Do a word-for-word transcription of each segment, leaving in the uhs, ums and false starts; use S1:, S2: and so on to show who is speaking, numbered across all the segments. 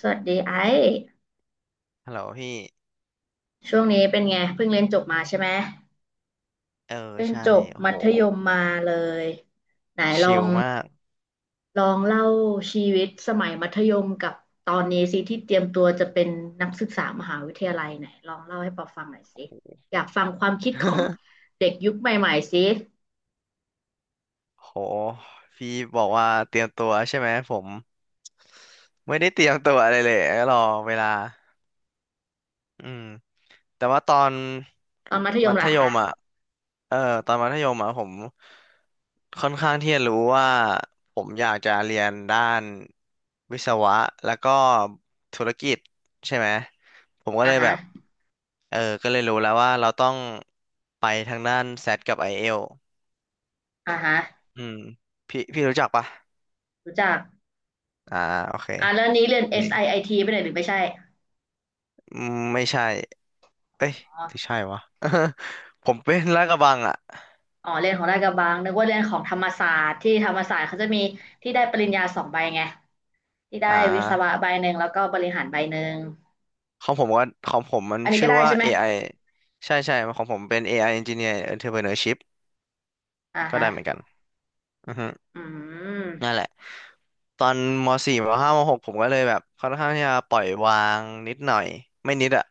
S1: สวัสดีไอ้
S2: ฮัลโหลพี่
S1: ช่วงนี้เป็นไงเพิ่งเรียนจบมาใช่ไหม
S2: เออ
S1: เพิ่ง
S2: ใช่
S1: จบ
S2: โอ้
S1: มั
S2: โห
S1: ธยมมาเลยไหนลอ
S2: ชิล
S1: ง
S2: มาก
S1: ลองเล่าชีวิตสมัยมัธยมกับตอนนี้สิที่เตรียมตัวจะเป็นนักศึกษามหาวิทยาลัยไหนลองเล่าให้ปอฟังหน่อยสิอยากฟังความคิดของ เด็กยุคใหม่ๆสิ
S2: โห พี่บอกว่าเตรียมตัวใช่ไหมผมไม่ได้เตรียมตัวอะไรเลยรอเวลาอืมแต่ว่าตอน
S1: ตอนมัธย
S2: มั
S1: ม
S2: ธ
S1: ล่ะ
S2: ย
S1: อ่ะ
S2: มอ่ะเออตอนมัธยมอ่ะผมค่อนข้างที่จะรู้ว่าผมอยากจะเรียนด้านวิศวะแล้วก็ธุรกิจใช่ไหมผมก็
S1: อ่ะ
S2: เลยแบ
S1: ฮะ
S2: บเออก็เลยรู้แล้วว่าเราต้องไปทางด้านแซดกับไอเอล
S1: อ่ะฮะ
S2: อืมพี่พี่รู้จักปะ
S1: รู้จัก
S2: อ่าโอเค
S1: อ่ะแล้วนี้เรียน
S2: นี่
S1: ซิท ไอไอทีไปไหนหรือไม่ใช่
S2: อืมไม่ใช่เอ้ย
S1: อ๋อ
S2: หรือใช่วะ ผมเป็นลาดกระบังอ่ะ
S1: อ๋อเรียนของราชกระบังนึกว่าเรียนของธรรมศาสตร์ที่ธรรมศาสตร์เขาจะมีที่ได้ปริญญาสองใบไงที่ได้
S2: อ่
S1: วิศวะ
S2: า
S1: ใบหนึ่งแล้วก็บริหารใบหนึ่ง
S2: ของผมก็ของผมมัน
S1: อันนี้
S2: ชื่
S1: ก็
S2: อ
S1: ได้
S2: ว่า
S1: ใช่ไหม
S2: เอ ไอ ใช่ใช่ของผมเป็น เอ ไอ Engineer Entrepreneurship
S1: อ่า
S2: ก็
S1: ฮะ
S2: ได้เหมือนกันอือฮึ
S1: อื
S2: นั่น
S1: ม
S2: แหละตอนม .สี่ ม .ห้า ม .หก ผมก็เลยแบบค่อนข้างที่จะปล่อยวางนิดหน่อยไม่นิดอ่ะ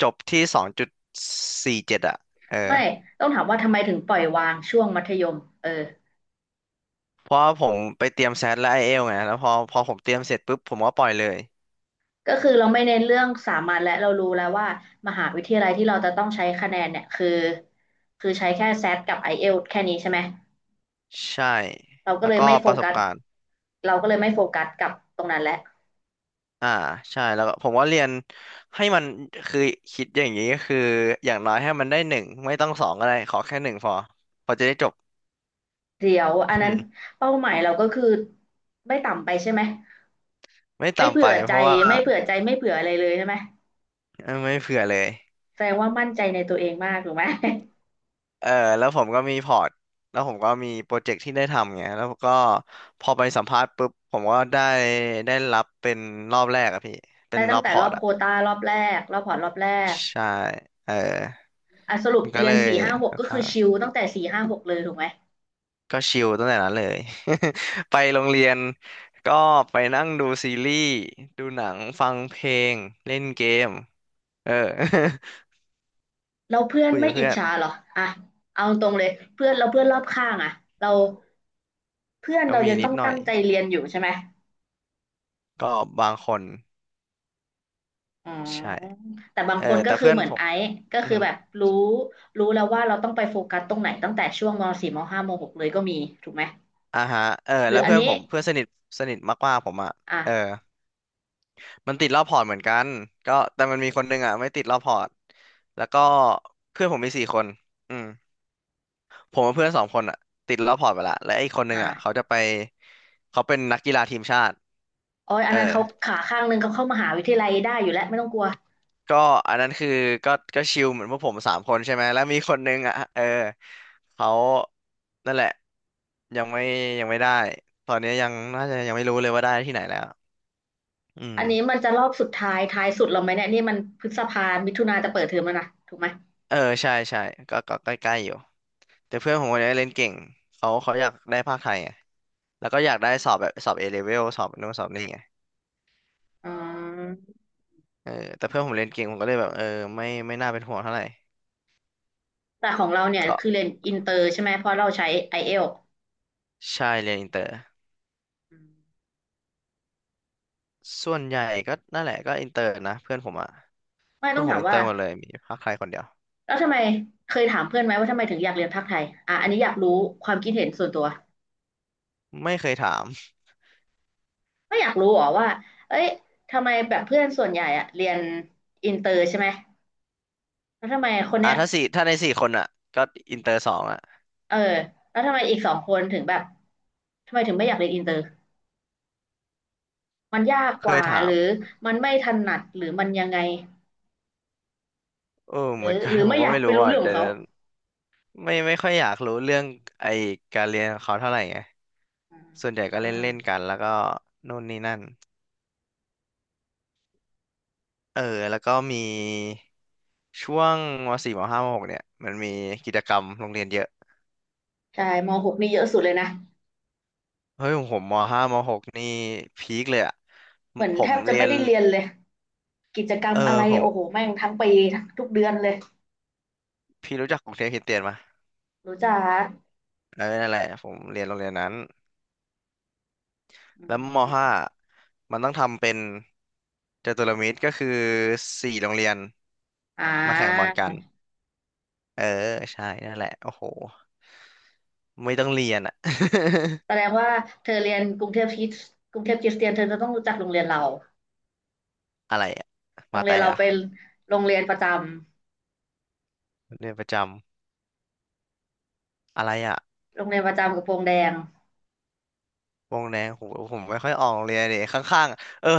S2: จบที่สองจุดสี่เจ็ดองจุดสี่เจ็ดอะเออ
S1: ไม่ต้องถามว่าทำไมถึงปล่อยวางช่วงมัธยมเออ
S2: เพราะว่าผมไปเตรียมแซดและไอเอลไงแล้วพอพอผมเตรียมเสร็จปุ๊บผมก็ปล่อยเลย
S1: ก็คือเราไม่เน้นเรื่องสามัญและเรารู้แล้วว่ามหาวิทยาลัยที่เราจะต้องใช้คะแนนเนี่ยคือคือใช้แค่แซดกับไอเอลทีแค่นี้ใช่ไหม
S2: ใช่
S1: เราก็
S2: แล้ว
S1: เลย
S2: ก็
S1: ไม่โฟ
S2: ประส
S1: กั
S2: บ
S1: ส
S2: การณ์
S1: เราก็เลยไม่โฟกัสกับตรงนั้นแหละ
S2: อ่าใช่แล้วก็ผมว่าเรียนให้มันคือคิดอย่างนี้ก็คืออย่างน้อยให้มันได้หนึ่งไม่ต้องสองก็ได้ขอแค่หนึ่งพอพอจะได้จบ
S1: เดี๋ยวอันนั้นเป้าหมายเราก็คือไม่ต่ำไปใช่ไหม
S2: ไม่
S1: ไม่
S2: ตาม
S1: เผื่
S2: ไป
S1: อ
S2: เพ
S1: ใจ
S2: ราะว่า
S1: ไม่เผื่อใจไม่เผื่ออะไรเลยใช่ไหม
S2: เออไม่เผื่อเลย
S1: แสดงว่ามั่นใจในตัวเองมากถูกไหม
S2: เออแล้วผมก็มีพอร์ตแล้วผมก็มีโปรเจกต์ที่ได้ทำไงแล้วก็พอไปสัมภาษณ์ปุ๊บผมก็ได้ได้รับเป็นรอบแรกอะพี่ เป็
S1: ได้
S2: นร
S1: ตั้
S2: อ
S1: ง
S2: บ
S1: แต่
S2: พอ
S1: รอ
S2: ร์ต
S1: บโค
S2: อะ
S1: วตารอบแรกรอบพอร์ตรอบแรก
S2: ใช่เออ
S1: อ่ะสรุป
S2: มันก็
S1: เรี
S2: เล
S1: ยน
S2: ย
S1: สี่ห้าหก
S2: ค่อน
S1: ก็คื
S2: ข้า
S1: อ
S2: ง
S1: ชิลตั้งแต่สี่ห้าหกเลยถูกไหม
S2: ก็ชิลตั้งแต่นั้นเลย ไปโรงเรียนก็ไปนั่งดูซีรีส์ดูหนังฟังเพลงเล่นเกมเออ
S1: เราเพื่อ น
S2: คุย
S1: ไม่
S2: กับ
S1: อิ
S2: เพื่
S1: จ
S2: อน
S1: ฉาเหรออ่ะเอาตรงเลยเพื่อนเราเพื่อนรอบข้างอ่ะเราเพื่อน
S2: ก็
S1: เรา
S2: มี
S1: ยัง
S2: นิ
S1: ต้อ
S2: ด
S1: ง
S2: หน่
S1: ตั้
S2: อย
S1: งใจเรียนอยู่ใช่ไหม
S2: ก็บางคน
S1: อ๋
S2: ใช่
S1: อแต่บาง
S2: เออ
S1: คนก็
S2: แต่
S1: คือ
S2: เพื่อน
S1: เหมือ
S2: ผ
S1: น
S2: ม
S1: ไอซ์ก็
S2: อื
S1: คือ
S2: ม
S1: แบบรู้รู้แล้วว่าเราต้องไปโฟกัสตรงไหนตั้งแต่ช่วงมสี่มห้ามหกเลยก็มีถูกไหม
S2: อ่าฮะเออ
S1: หรื
S2: แล้
S1: อ
S2: ว
S1: อัน
S2: เพื่อน
S1: นี้
S2: ผมเพื่อนสนิทสนิทมากๆผมอ่ะเออ
S1: อ่ะ
S2: มันติดรอบพอร์ตเหมือนกันก็แต่มันมีคนหนึงอ่ะไม่ติดรอบพอร์ตแล้วก็เพื่อนผมมีสี่คนอืม ผมกับเพื่อนสองคนอะติดแล้วพอร์ตไปละและอีกคนนึ
S1: อ่ะ
S2: งอะเขาจะไปเขาเป็นนักกีฬาทีมชาติ
S1: โอ้ย
S2: เอ
S1: อัน
S2: อ
S1: นั้นเขาขาข้างหนึงเขาเข้ามหาวิทยาลัยได้อยู่แล้วไม่ต้องกลัว
S2: ก็อันนั้นคือก็ก็ชิลเหมือนพวกผมสามคนใช่ไหมแล้วมีคนนึงอ่ะเออเขานั่นแหละยังไม่ยังไม่ได้ตอนนี้ยังน่าจะยังไม่รู้เลยว่าได้ที่ไหนแล้วอืม
S1: อันนี้มันจะรอบสุดท้ายท้ายสุดเราไหมเนี่ยนี่มันพฤษภามิถุนาจะเปิดเทอมแล้วนะถูกไหม
S2: เออใช่ใช่ก็ก็ใกล้ๆอยู่แต่เพื่อนผมคนนี้เล่นเก่งเขาเขาอยากได้ภาคไทยไงแล้วก็อยากได้สอบแบบสอบเอเลเวลสอบนู่นสอบนี่ไง
S1: อ๋อ
S2: เออแต่เพื่อนผมเรียนเก่งผมก็เลยแบบเออไม่ไม่น่าเป็นห่วงเท่าไหร่
S1: แต่ของเราเนี่ย
S2: ก็
S1: คือเรียนอินเตอร์ใช่ไหมเพราะเราใช้ไอเอล
S2: ใช่เรียนอินเตอร์ส่วนใหญ่ก็นั่นแหละก็อินเตอร์นะเพื่อนผมอ่ะ
S1: ไม่
S2: เพื่
S1: ต้
S2: อ
S1: อ
S2: น
S1: ง
S2: ผ
S1: ถา
S2: ม
S1: ม
S2: อินเต
S1: ว่า
S2: อร์หมดเลยมีภาคไทยคนเดียว
S1: แล้วทำไมเคยถามเพื่อนไหมว่าทำไมถึงอยากเรียนภาคไทยอ่ะอันนี้อยากรู้ความคิดเห็นส่วนตัว
S2: ไม่เคยถาม
S1: ไม่อยากรู้หรอว่าเอ้ยทำไมแบบเพื่อนส่วนใหญ่อะเรียนอินเตอร์ใช่ไหมแล้วทำไมคน
S2: อ่ะ
S1: เนี้ย
S2: ถ้าสี่ถ้าในสี่คนอ่ะก็อินเตอร์สองอ่ะ
S1: เออแล้วทำไมอีกสองคนถึงแบบทำไมถึงไม่อยากเรียนอินเตอร์มันยาก
S2: เค
S1: ก
S2: ย
S1: ว่า
S2: ถา
S1: ห
S2: ม
S1: รือมันไม่ถนัดหรือมันยังไง
S2: เออ
S1: ห
S2: เห
S1: รือ
S2: มือนกั
S1: ห
S2: น
S1: รือ
S2: ผ
S1: ไม่
S2: มก็
S1: อยาก
S2: ไม่
S1: ไป
S2: รู้
S1: รู้
S2: อ่ะ
S1: เรื่องขอ
S2: เดี๋
S1: ง
S2: ยว
S1: เขา
S2: เดี๋ยวไม่ไม่ค่อยอยากรู้เรื่องไอการเรียนของเขาเท่าไหร่ไงส่วนใหญ่
S1: อื
S2: ก็เล่น
S1: ม
S2: เล่นกันแล้วก็นู่นนี่นั่น เออแล้วก็มีช่วงมสี่มห้ามหกเนี่ยมันมีกิจกรรมโรงเรียนเยอะ
S1: ใช่ม .หก นี่เยอะสุดเลยนะ
S2: เฮ้ยของผมมห้ามหกนี่พีคเลยอ่ะ
S1: เหมือน
S2: ผ
S1: แท
S2: ม
S1: บจะ
S2: เรีย
S1: ไม่
S2: น
S1: ได้เรียนเลยกิจกรรม
S2: เอ
S1: อะ
S2: อ
S1: ไร
S2: ผม
S1: โอ้โหแม่งทั้งปีทั้งทุกเดือนเลย
S2: พี่รู้จักกรุงเทพคริสเตียนมา
S1: รู้จ้า
S2: เออนั่นแหละผมเรียนโรงเรียนนั้น
S1: อื
S2: แล้ว
S1: ม
S2: มห้ามันต้องทำเป็นจตุรมิตรก็คือสี่โรงเรียน
S1: อ่า
S2: มาแข่งบอลกันเออใช่นั่นแหละโอ้โหไม่ต้องเรียนอ่ะ
S1: แสดงว่าเธอเรียนกรุงเทพคริสกรุงเทพคริสเตียนเธอจะต้องรู้จักโรงเรียนเรา
S2: อะไรอ่ะ
S1: โร
S2: มา
S1: งเรี
S2: แต่
S1: ยนเรา
S2: อ่ะ
S1: เป็นโรงเรียนประจ
S2: เรียนประจำอะไรอ่ะ
S1: ำโรงเรียนประจำกระโปรงแดง
S2: วงแดงผมผมไม่ค่อยออกเลยเนี่ยข้างๆอะเออ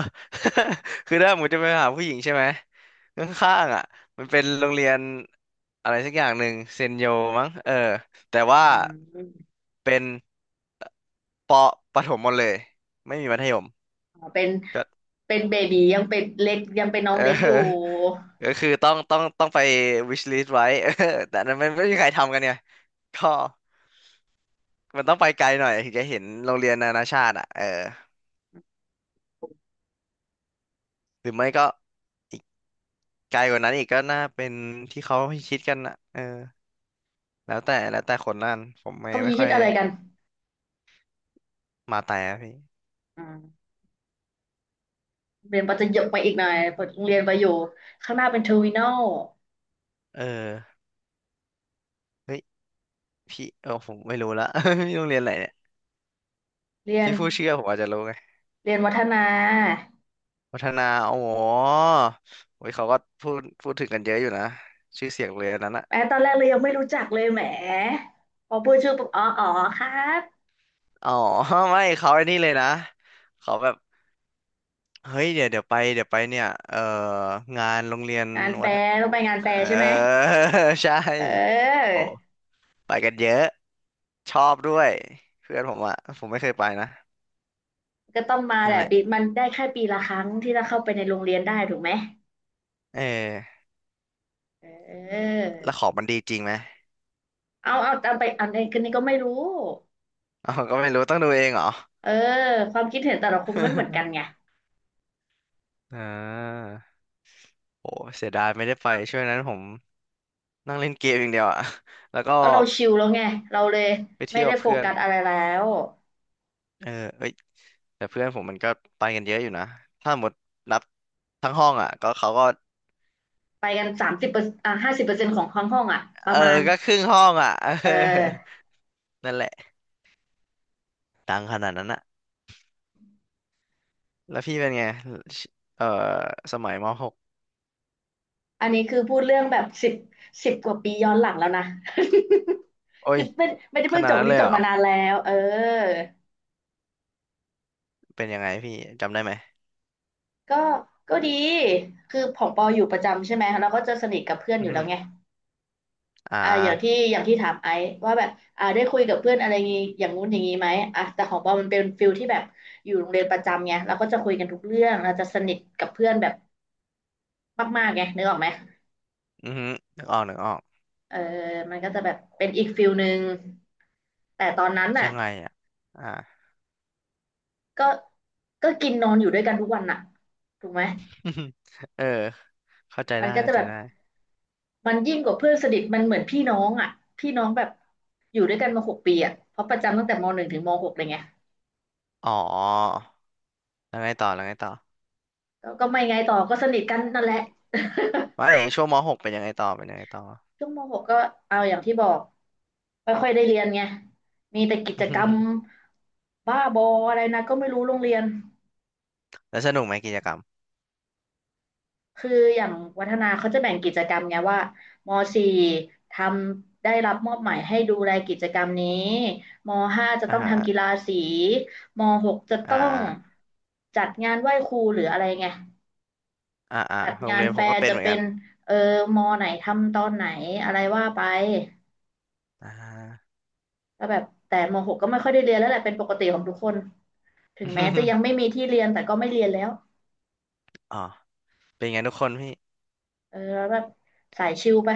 S2: คือถ้าผมจะไปหาผู้หญิงใช่ไหมข้างๆอ่ะมันเป็นโรงเรียนอะไรสักอย่างหนึ่งเซนโยมั้งเออแต่ว่า
S1: อืม
S2: เป็นปประถมหมดเลยไม่มีมัธยม
S1: อ๋อเป็น
S2: ก็
S1: เป็นเบบียังเป็นเล็กยังเป็นน้อ
S2: เอ
S1: ง
S2: อ
S1: เล็กอยู่
S2: ก็คือต้องต้องต้องไป wish list ไว้ เออแต่อันนั้นมันไม่มีใครทำกันไงก็มันต้องไปไกลหน่อยถึงจะเห็นโรงเรียนนานาชาติอ่ะเออหรือไม่ก็ ไกลกว่านั้นอีกก็น่าเป็นที่เขาคิดกันนะเออแล้วแต่แล้วแต่คนนั่นผมไม่
S1: เขามี
S2: ไม่ค่
S1: คิ
S2: อ
S1: ด
S2: ย
S1: อะไรกัน
S2: มาแต่อะพี่
S1: อืมเรียนประจะยกไปอีกหน่อยเปิดโรงเรียนไปอยู่ข้างหน้าเป็นเทอร์มินอล
S2: เออเฮ้ยพี่เออผมไม่รู้ละ พี่โรงเรียนอะไรเนี่ย
S1: เรียน
S2: พี่ผู้เชื่อผมอาจจะรู้ไง
S1: เรียนวัฒนา
S2: วัฒนาโอ้โหโอ้ยเขาก็พูดพูดถึงกันเยอะอยู่นะชื่อเสียงโรงเรียนนั้นอะ
S1: แม้ตอนแรกเลยยังไม่รู้จักเลยแหมพอพูดชื่อปุ๊บอ๋ออ๋อครับ
S2: อ๋อ ไม่เขาไอ้นี่เลยนะเขาแบบเฮ้ยเดี๋ยวเดี๋ยวไปเดี๋ยวไปเนี่ยเอองานโรงเรียน
S1: งานแฟ
S2: วัฒ
S1: ร์ต้องไปงาน
S2: เอ
S1: แฟร์ใช่ไหม
S2: อ ใช่
S1: เออ
S2: โหไปกันเยอะ ชอบด้วยเพื่อนผมอะผมไม่เคยไปนะ
S1: ก็ต้องมาแห
S2: นั่น
S1: ละ
S2: แหละ
S1: ปีมันได้แค่ปีละครั้งที่เราเข้าไปในโรงเรียนได้ถูกไหม
S2: เออ
S1: เออ
S2: แล้วของมันดีจริงไหม
S1: เอาเอาเอาไปเอานนคนนี้ก็ไม่รู้
S2: อ๋อก็ไม่รู้ต้องดูเองเหรอ
S1: เออความคิดเห็นแต่ละคนไม่เหมือนกัน ไง
S2: อ่าโอ้เสียดายไม่ได้ไปช่วงนั้นผมนั่งเล่นเกมอย่างเดียวอะ แล้วก็
S1: ก็เราชิลแล้วไงเราเลย
S2: ไป
S1: ไม่
S2: เที่ยว
S1: ได้
S2: กับ
S1: โฟ
S2: เพื่อน
S1: กัสอะไรแล้ว
S2: เออเอ้ยแต่เพื่อนผมมันก็ไปกันเยอะอยู่นะถ้าหมดนับทั้งห้องอ่ะก็เขาก็
S1: ไปกันสามสิบเปอร์อ่ะห้าสิบเปอร์เซ็นต์ของห้องห้องอ่ะป
S2: เอ
S1: ระ
S2: อ
S1: มาณ
S2: ก็ครึ่งห้องอ่ะ เอ
S1: เอ
S2: อ
S1: อ
S2: นั่นแหละดังขนาดนั้นอะแล้วพี่เป็นไงเออสมัยมหก
S1: อันนี้คือพูดเรื่องแบบสิบสิบกว่าปีย้อนหลังแล้วนะ
S2: โอ้
S1: คื
S2: ย
S1: อไม่ไม่ได้
S2: ข
S1: เพิ่ง
S2: นา
S1: จ
S2: ด
S1: บวั
S2: นั้น
S1: น
S2: เล
S1: นี้
S2: ย
S1: จ
S2: เหร
S1: บ
S2: อ
S1: มานานแล้วเออ
S2: เป็นยังไงพี่จำได้ไหม
S1: ก็ก็ดีคือของปออยู่ประจำใช่ไหมเราก็จะสนิทกับเพื่อน
S2: อื
S1: อ
S2: อ
S1: ยู่แล้
S2: ฮึ
S1: วไง
S2: อ่
S1: อ่าอย่างที่
S2: า
S1: อย่างที่ถามไอซ์ว่าแบบอ่าได้คุยกับเพื่อนอะไรงี้อย่างงู้นอย่างงี้ไหมอ่ะแต่ของปอมันเป็นฟิลที่แบบอยู่โรงเรียนประจำไงเราก็จะคุยกันทุกเรื่องเราจะสนิทกับเพื่อนแบบมากๆไงนึกออกไหม
S2: อือฮึนึกออกนึกออก
S1: เออมันก็จะแบบเป็นอีกฟิลหนึ่งแต่ตอนนั้น
S2: ยั
S1: น่ะ
S2: งไงอ่ะอ่า
S1: ก็ก็กินนอนอยู่ด้วยกันทุกวันน่ะถูกไหม
S2: เออเข้าใจ
S1: มั
S2: ได้
S1: นก็
S2: เข้า
S1: จะ
S2: ใจ
S1: แบบ
S2: ได้
S1: มันยิ่งกว่าเพื่อนสนิทมันเหมือนพี่น้องอ่ะพี่น้องแบบอยู่ด้วยกันมาหกปีอ่ะเพราะประจำตั้งแต่มหนึ่งถึงมหกเลยไง
S2: อ๋อแล้วไงต่อแล้วไงต่อ
S1: ก็ก็ไม่ไงต่อก็สนิทกันนั่นแหละ
S2: ว่าไอ้ช่วงมหกเป็นยังไงต่อเป็นยังไงต่อ
S1: ช่วงมหกก็เอาอย่างที่บอกไม่ค่อยได้เรียนไงมีแต่กิจกรรม บ้าบออะไรนะก็ไม่รู้โรงเรียน
S2: แล้วสนุกไหมกิจกรรม
S1: คืออย่างวัฒนาเขาจะแบ่งกิจกรรมไงว่ามสี่ทำได้รับมอบหมายให้ดูแลกิจกรรมนี้มห้าจะ
S2: อ่า
S1: ต้อง
S2: ฮะ
S1: ทำกีฬาสีมหกจะ
S2: อ่า
S1: ต้อง
S2: อ่
S1: จัดงานไหว้ครูหรืออะไรไง
S2: าอ่า
S1: จัด
S2: โรง
S1: งาน
S2: เรียน
S1: แฟ
S2: ผมก็
S1: ร์
S2: เป็น
S1: จะ
S2: เหมือน
S1: เป็
S2: กัน
S1: นเออมไหนทำตอนไหนอะไรว่าไป
S2: อ่า
S1: ก็แบบแต่มหกก็ไม่ค่อยได้เรียนแล้วแหละเป็นปกติของทุกคน ถึงแม้จะยังไม่มี ที่เรียนแต่ก็ไม่เรียนแล้ว
S2: อ๋อเป็นไงทุกคนพี่
S1: เออแล้วแบบสายชิลไป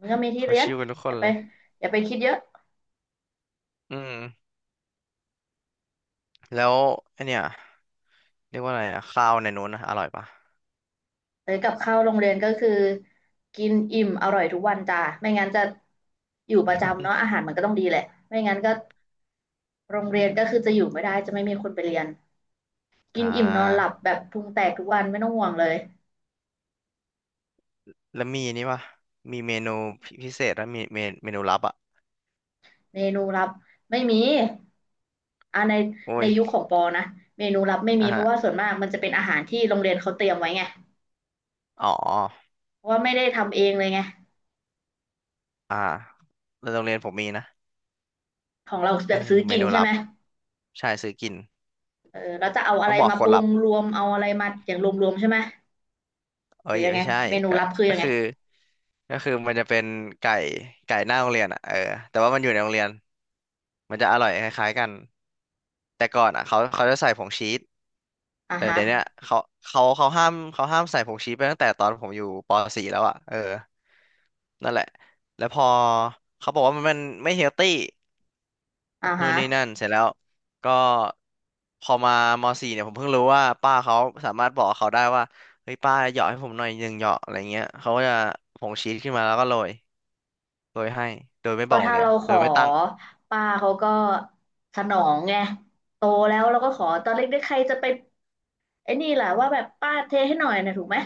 S1: มันก็มีที่
S2: เขา
S1: เรียน
S2: ชิวกันทุกค
S1: อ
S2: น
S1: ย่าไป
S2: เลย
S1: อย่าไปคิดเยอะ
S2: อืมแล้วไอเนี่ยเรียกว่าอะไรอะข้าวในนู้นนะอร่อยปะ
S1: เอ้ยกับข้าวโรงเรียนก็คือกินอิ่มอร่อยทุกวันจ้าไม่งั้นจะอยู่ประจำเนาะอา หารมันก็ต้องดีแหละไม่งั้นก็โรงเรียนก็คือจะอยู่ไม่ได้จะไม่มีคนไปเรียนกิ
S2: อ่
S1: นอิ่มนอนหลับ
S2: า
S1: แบบพุงแตกทุกวันไม่ต้องห่วงเลย
S2: แล้วมีนี่ปะมีเมนูพิเศษแล้วมีเมนเมนูลับอ่ะ
S1: เมนูลับไม่มีอ่าใน
S2: โอ้
S1: ใน
S2: ย
S1: ยุคของปอนะเมนูลับไม่มี
S2: อ่ะ
S1: เพ
S2: ฮะ
S1: ราะว่าส่วนมากมันจะเป็นอาหารที่โรงเรียนเขาเตรียมไว้ไง
S2: อ๋อ
S1: เพราะว่าไม่ได้ทำเองเลยไง
S2: อ่าแล้วโรงเรียนผมมีนะ
S1: ของเราแบ
S2: เออ
S1: บซื้อ
S2: เม
S1: กิน
S2: นู
S1: ใช่
S2: ลั
S1: ไหม
S2: บใช่ซื้อกิน
S1: เออแล้วจะเอาอะ
S2: ต้อ
S1: ไร
S2: งบอก
S1: มา
S2: ค
S1: ป
S2: น
S1: รุ
S2: ลั
S1: ง
S2: บ
S1: รวมเอาอะไรมาอย่างรวมๆใช่ไหม
S2: เอ้
S1: หรือ
S2: ย
S1: ยัง
S2: ไม่
S1: ไง
S2: ใช่
S1: เมนู
S2: ก็
S1: ลับคือ
S2: ก็
S1: ยังไง
S2: คือก็คือมันจะเป็นไก่ไก่หน้าโรงเรียนอ่ะเออแต่ว่ามันอยู่ในโรงเรียนมันจะอร่อยคล้ายๆกันแต่ก่อนอ่ะเขาเขาจะใส่ผงชีส
S1: อ่า
S2: แต่
S1: ฮะ
S2: เดี๋ยวเนี้ยเขาเขาเขาห้ามเขาห้ามใส่ผงชีสไปตั้งแต่ตอนผมอยู่ป .สี่ แล้วอ่ะเออนั่นแหละแล้วพอเขาบอกว่ามันมันไม่เฮลตี้
S1: อ่า
S2: นู่
S1: ฮะ
S2: นนี่นั่นเสร็จแล้วก็พอมามสี่เนี่ยผมเพิ่งรู้ว่าป้าเขาสามารถบอกเขาได้ว่าเฮ้ยป้าเหยาะให้ผมหน่อยหนึ่งเหยาะอะไรเงี้ยเขาก็จะผงชีสขึ้นมาแล้วก็โรยโรยให้โดยไม่บ
S1: ก็
S2: อกโรง
S1: ถ้า
S2: เรีย
S1: เรา
S2: น
S1: ข
S2: โด
S1: อ
S2: ยไม่ตั้ง
S1: ป้าเขาก็สนองไงโตแล้วเราก็ขอตอนเล็กๆใครจะไปไอ้นี่แหละว่าแบบป้าเทให้หน่อยนะถูกไหม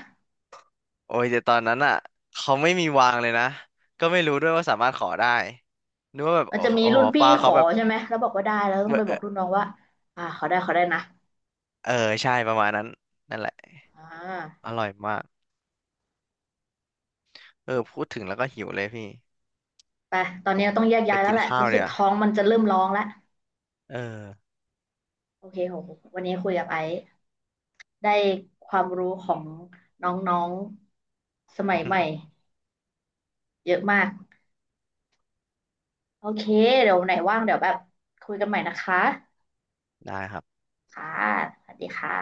S2: โอ้ยแต่ตอนนั้นอ่ะเขาไม่มีวางเลยนะก็ไม่รู้ด้วยว่าสามารถขอได้นึกว่าแบบ
S1: มัน
S2: โอ้
S1: จะมี
S2: โอ้
S1: รุ่
S2: โห
S1: นพี่
S2: ป้า
S1: ข
S2: เขา
S1: อ
S2: แบบ
S1: ใช่ไหมแล้วบอกว่าได้แล้วต้องไปบ
S2: เอ
S1: อก
S2: อ
S1: รุ่นน้องว่าอ่าขอได้ขอได้นะ
S2: เออใช่ประมาณนั้นนั่นแหละ
S1: อ่า
S2: อร่อยมากเออพูดถึงแล้วก็หิวเลยพี่
S1: ไปตอน
S2: ผ
S1: นี้
S2: ม
S1: ต้องแยก
S2: ไป
S1: ย้ายแล้ว
S2: กิน
S1: แหละ
S2: ข้าว
S1: รู้
S2: เล
S1: สึก
S2: ยอ่ะ
S1: ท้องมันจะเริ่มร้องแล้ว
S2: เออ
S1: โอเคโหวันนี้คุยกับไอซ์ได้ความรู้ของน้องๆสมัยใหม่ เยอะมาก โอเค เดี๋ยวไหนว่างเดี๋ยวแบบคุยกันใหม่นะคะ
S2: ได้ครับ
S1: ค่ะสวัสดีค่ะ